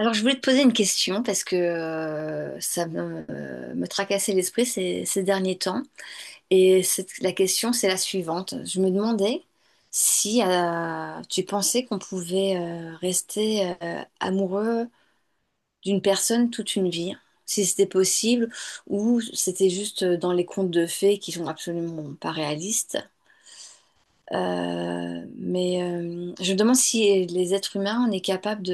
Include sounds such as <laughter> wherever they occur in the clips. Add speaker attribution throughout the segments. Speaker 1: Alors, je voulais te poser une question parce que ça me, me tracassait l'esprit ces derniers temps. La question, c'est la suivante. Je me demandais si tu pensais qu'on pouvait rester amoureux d'une personne toute une vie, si c'était possible, ou c'était juste dans les contes de fées qui sont absolument pas réalistes. Je me demande si les êtres humains, on est capable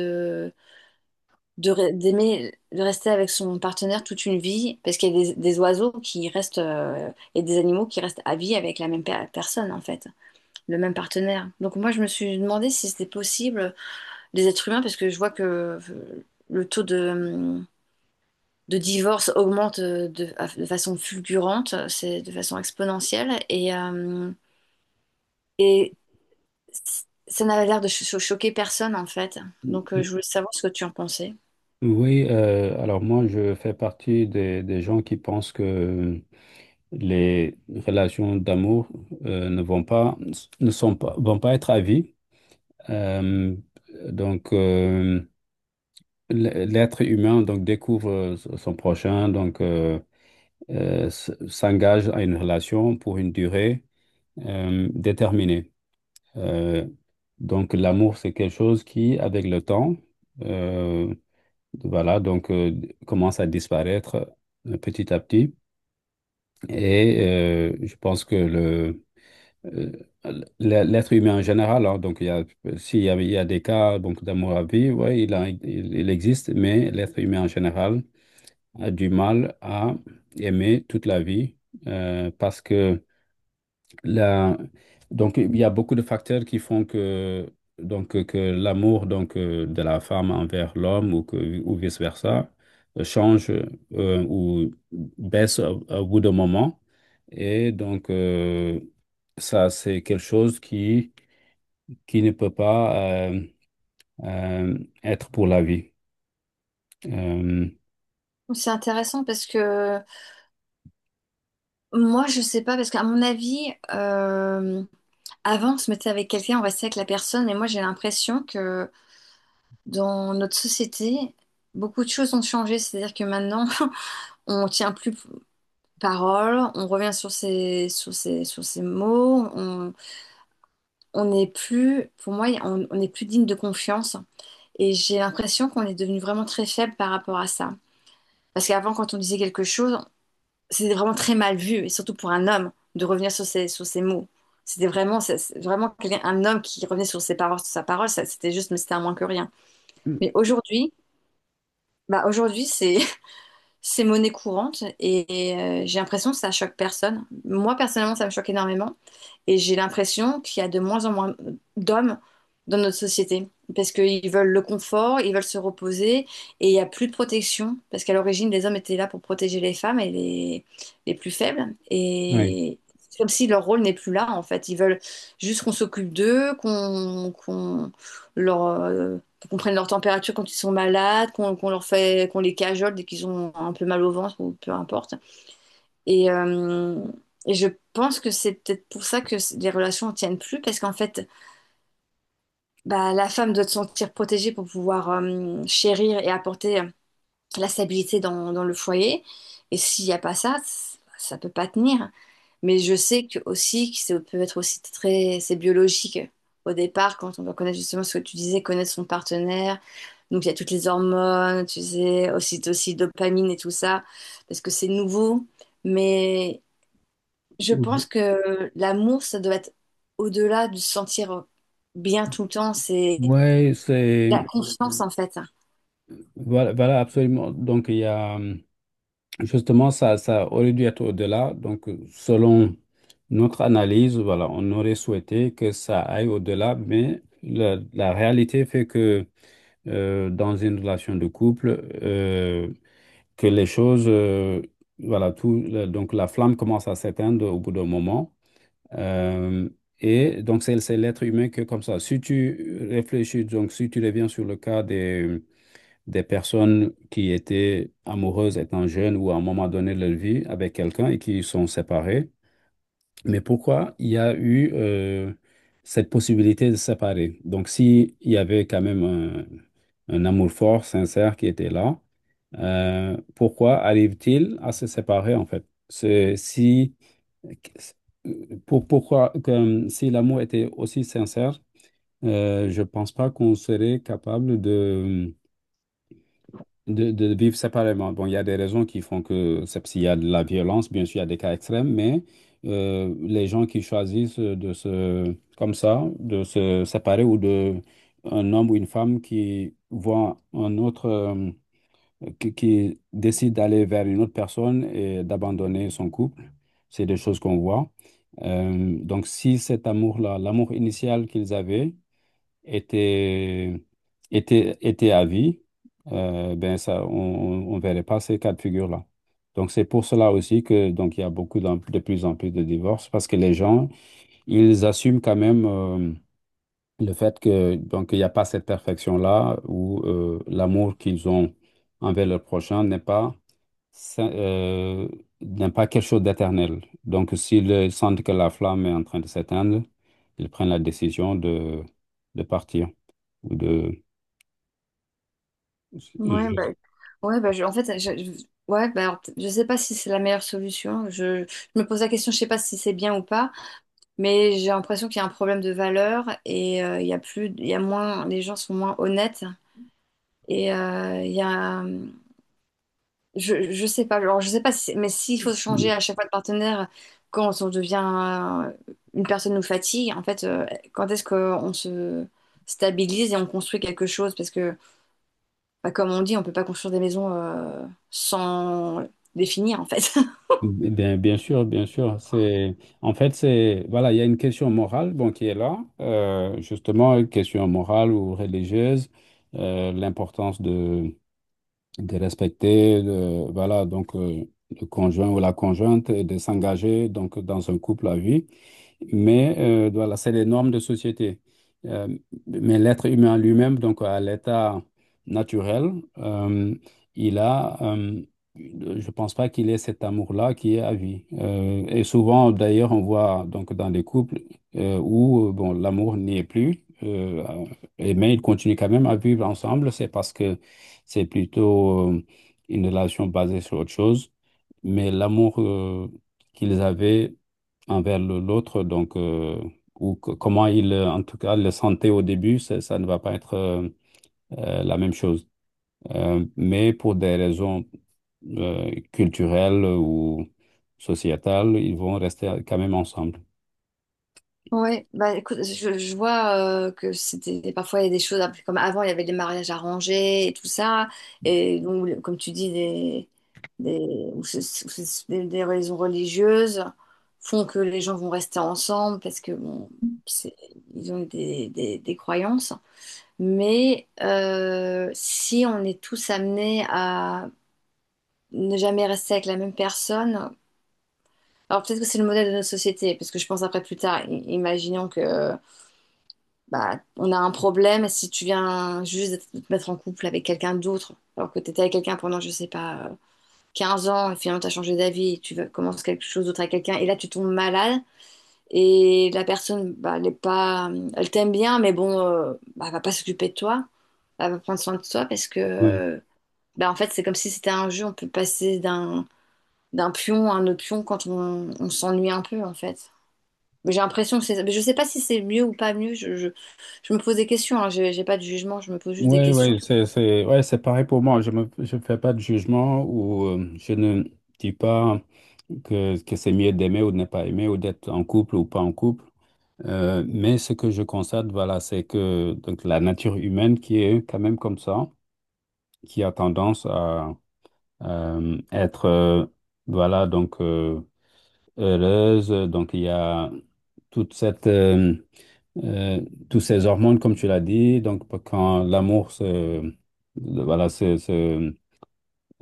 Speaker 1: d'aimer de rester avec son partenaire toute une vie parce qu'il y a des oiseaux qui restent et des animaux qui restent à vie avec la même personne, en fait le même partenaire. Donc moi je me suis demandé si c'était possible les êtres humains, parce que je vois que le taux de divorce augmente de façon fulgurante, c'est de façon exponentielle. Et c- Ça n'avait l'air de choquer personne en fait. Donc je voulais savoir ce que tu en pensais.
Speaker 2: Oui, alors moi je fais partie des gens qui pensent que les relations d'amour euh, ne vont pas, ne sont pas, vont pas être à vie. Euh, donc euh, l'être humain donc découvre son prochain, s'engage à une relation pour une durée déterminée. Euh, donc l'amour c'est quelque chose qui, avec le temps, euh, Voilà, donc euh, commence à disparaître petit à petit. Et je pense que euh, l'être humain en général, hein, il y a des cas donc d'amour à vie, ouais, il existe, mais l'être humain en général a du mal à aimer toute la vie parce que la- donc, il y a beaucoup de facteurs qui font que, donc, que l'amour de la femme envers l'homme ou, ou vice-versa change ou baisse au bout d'un moment. Et ça, c'est quelque chose qui ne peut pas euh, être pour la vie. Euh,
Speaker 1: C'est intéressant parce que moi, je sais pas, parce qu'à mon avis, avant, on se mettait avec quelqu'un, on restait avec la personne, et moi, j'ai l'impression que dans notre société, beaucoup de choses ont changé. C'est-à-dire que maintenant, <laughs> on tient plus parole, on revient sur ses mots, on n'est plus, pour moi, on n'est plus digne de confiance. Et j'ai l'impression qu'on est devenu vraiment très faible par rapport à ça. Parce qu'avant, quand on disait quelque chose, c'était vraiment très mal vu, et surtout pour un homme, de revenir sur ses mots. C'était vraiment, c'est vraiment un homme qui revenait sur ses paroles, sur sa parole, ça, c'était juste, mais c'était un moins que rien. Mais aujourd'hui, bah aujourd'hui, c'est, <laughs> c'est monnaie courante et, j'ai l'impression que ça choque personne. Moi, personnellement, ça me choque énormément. Et j'ai l'impression qu'il y a de moins en moins d'hommes dans notre société parce qu'ils veulent le confort, ils veulent se reposer, et il n'y a plus de protection, parce qu'à l'origine, les hommes étaient là pour protéger les femmes et les plus faibles.
Speaker 2: oui.
Speaker 1: Et c'est comme si leur rôle n'est plus là en fait. Ils veulent juste qu'on s'occupe d'eux, qu'on leur, qu'on prenne leur température quand ils sont malades, qu'on leur fait, qu'on les cajole dès qu'ils ont un peu mal au ventre ou peu importe. Et, je pense que c'est peut-être pour ça les relations ne tiennent plus, parce qu'en fait, bah, la femme doit se sentir protégée pour pouvoir chérir et apporter la stabilité dans le foyer. Et s'il n'y a pas ça, ça peut pas tenir. Mais je sais que aussi, que ça peut être aussi très, c'est biologique. Au départ, quand on doit connaître justement ce que tu disais, connaître son partenaire, donc il y a toutes les hormones, tu sais, aussi dopamine et tout ça, parce que c'est nouveau. Mais je pense que l'amour, ça doit être au-delà de se sentir bien tout le temps. C'est
Speaker 2: Oui, c'est...
Speaker 1: la confiance, en fait.
Speaker 2: Voilà, voilà, absolument. Donc, il y a... Justement, ça aurait dû être au-delà. Donc, selon notre analyse, voilà, on aurait souhaité que ça aille au-delà, mais la réalité fait que dans une relation de couple, que les choses, voilà, donc la flamme commence à s'éteindre au bout d'un moment. Euh, et donc, c'est l'être humain que comme ça. Si tu réfléchis, donc si tu reviens sur le cas des personnes qui étaient amoureuses étant jeunes ou à un moment donné de leur vie avec quelqu'un et qui sont séparées. Mais pourquoi il y a eu cette possibilité de se séparer? Donc, s'il y avait quand même un amour fort, sincère qui était là, pourquoi arrive-t-il à se séparer en fait? Si, pourquoi, comme si l'amour était aussi sincère, je ne pense pas qu'on serait capable de de vivre séparément. Bon, il y a des raisons qui font que c'est s'il y a de la violence, bien sûr, il y a des cas extrêmes, mais les gens qui choisissent de se, comme ça, de se séparer ou de un homme ou une femme qui voit un autre, qui décide d'aller vers une autre personne et d'abandonner son couple, c'est des choses qu'on voit. Donc, si cet amour-là, l'amour initial qu'ils avaient, était, était à vie, ben ça, on ne verrait pas ces cas de figure-là. Donc c'est pour cela aussi que donc il y a beaucoup de plus en plus de divorces parce que les gens, ils assument quand même le fait que donc il n'y a pas cette perfection-là où l'amour qu'ils ont envers leur prochain n'est pas ça- euh, n'est pas quelque chose d'éternel. Donc s'ils sentent que la flamme est en train de s'éteindre, ils prennent la décision de partir ou de
Speaker 1: Ouais, bah,
Speaker 2: je-
Speaker 1: ouais, bah, je- en fait, je- ouais, bah, alors, je sais pas si c'est la meilleure solution. Je me pose la question, je sais pas si c'est bien ou pas, mais j'ai l'impression qu'il y a un problème de valeur et il y a plus, il y a moins, les gens sont moins honnêtes et il y a, je sais pas, alors je sais pas, si, mais s'il faut changer à chaque fois de partenaire quand on devient une personne nous fatigue, en fait, quand est-ce qu'on se stabilise et on construit quelque chose? Parce que, bah, comme on dit, on peut pas construire des maisons sans les finir, en fait.
Speaker 2: bien, bien sûr, bien sûr. C'est en fait c'est voilà, il y a une question morale bon qui est là, justement une question morale ou religieuse, l'importance de respecter le, voilà, donc, le conjoint ou la conjointe et de s'engager donc, dans un couple à vie. Mais voilà, c'est les normes de société. Euh, mais l'être humain lui-même, donc à l'état naturel, euh, il a, euh, je pense pas qu'il ait cet amour-là qui est à vie. Et souvent, d'ailleurs, on voit donc dans des couples où bon, l'amour n'y est plus, et mais ils continuent quand même à vivre ensemble, c'est parce que c'est plutôt une relation basée sur autre chose, mais l'amour qu'ils avaient envers l'autre, donc, ou comment ils, en tout cas, le sentaient au début, ça ne va pas être la même chose. Mais pour des raisons culturelles ou sociétales, ils vont rester quand même ensemble.
Speaker 1: Ouais, bah écoute, je vois que c'était parfois, il y a des choses après, comme avant il y avait des mariages arrangés et tout ça, et donc comme tu dis des, ou c'est- des raisons religieuses font que les gens vont rester ensemble, parce que bon c'est- ils ont des croyances, mais si on est tous amenés à ne jamais rester avec la même personne, alors peut-être que c'est le modèle de notre société. Parce que je pense après plus tard, imaginons que bah, on a un problème si tu viens juste de te mettre en couple avec quelqu'un d'autre, alors que tu étais avec quelqu'un pendant, je sais pas, 15 ans, et finalement tu as changé d'avis, et commences quelque chose d'autre avec quelqu'un, et là tu tombes malade, et la personne, bah, elle est pas, elle t'aime bien, mais bon, bah, elle va pas s'occuper de toi, elle va prendre soin de toi, parce que, bah, en fait, c'est comme si c'était un jeu, on peut passer d'un d'un pion à un autre pion quand on s'ennuie un peu, en fait. Mais j'ai l'impression que c'est, mais je sais pas si c'est mieux ou pas mieux, je me pose des questions, hein, j'ai pas de jugement, je me pose juste des
Speaker 2: Ouais,
Speaker 1: questions.
Speaker 2: ouais, ouais, c'est pareil pour moi. Je fais pas de jugement ou je ne dis pas que c'est mieux d'aimer ou de ne pas aimer ou d'être en couple ou pas en couple. Mais ce que je constate, voilà, c'est que donc la nature humaine qui est quand même comme ça, qui a tendance à euh, être, euh, voilà, heureuse. Donc il y a toute cette euh, tous ces hormones, comme tu l'as dit, donc quand l'amour se, le- voilà, se-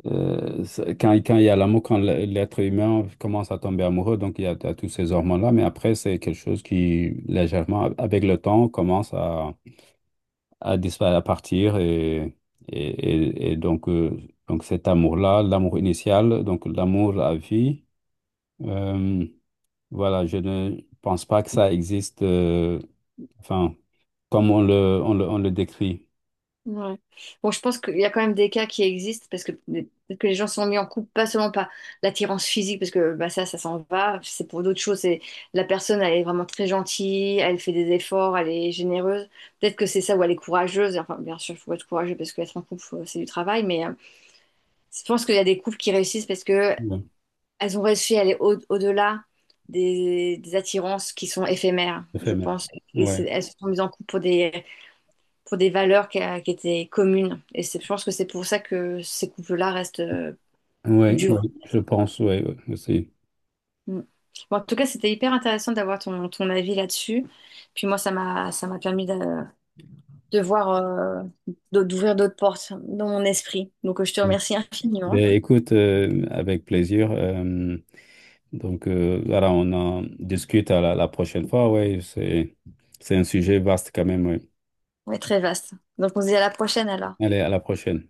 Speaker 2: se- quand, quand il y a l'amour, quand l'être humain commence à tomber amoureux, donc il y a, toutes ces hormones-là, mais après, c'est quelque chose qui, légèrement, avec le temps, commence à disparaître, à partir, et, et donc cet amour-là, l'amour initial, donc l'amour à vie, euh, voilà, je ne pense pas que ça existe, enfin, comme on le décrit.
Speaker 1: Ouais. Bon, je pense qu'il y a quand même des cas qui existent, parce que peut-être que les gens se sont mis en couple, pas seulement par l'attirance physique, parce que bah, ça s'en va, c'est pour d'autres choses. C'est la personne, elle est vraiment très gentille, elle fait des efforts, elle est généreuse. Peut-être que c'est ça, ou elle est courageuse. Enfin, bien sûr, il faut être courageux parce qu'être en couple, c'est du travail, mais je pense qu'il y a des couples qui réussissent parce que
Speaker 2: Ouais.
Speaker 1: elles ont réussi à aller au-delà des attirances qui sont éphémères, je
Speaker 2: Éphémère.
Speaker 1: pense.
Speaker 2: Ouais.
Speaker 1: Elles se sont mises en couple pour des valeurs qui étaient communes. Je pense que c'est pour ça que ces couples-là restent
Speaker 2: Oui,
Speaker 1: durs.
Speaker 2: oui, je pense, oui, aussi.
Speaker 1: Mm. Bon, en tout cas, c'était hyper intéressant d'avoir ton avis là-dessus. Puis moi, ça m'a permis de voir, d'ouvrir d'autres portes dans mon esprit. Donc, je te
Speaker 2: Ouais.
Speaker 1: remercie infiniment.
Speaker 2: Ben, écoute, avec plaisir. Voilà, on en discute à la prochaine fois. Ouais, c'est un sujet vaste quand même. Ouais.
Speaker 1: Ouais, très vaste. Donc, on se dit à la prochaine alors.
Speaker 2: Allez, à la prochaine.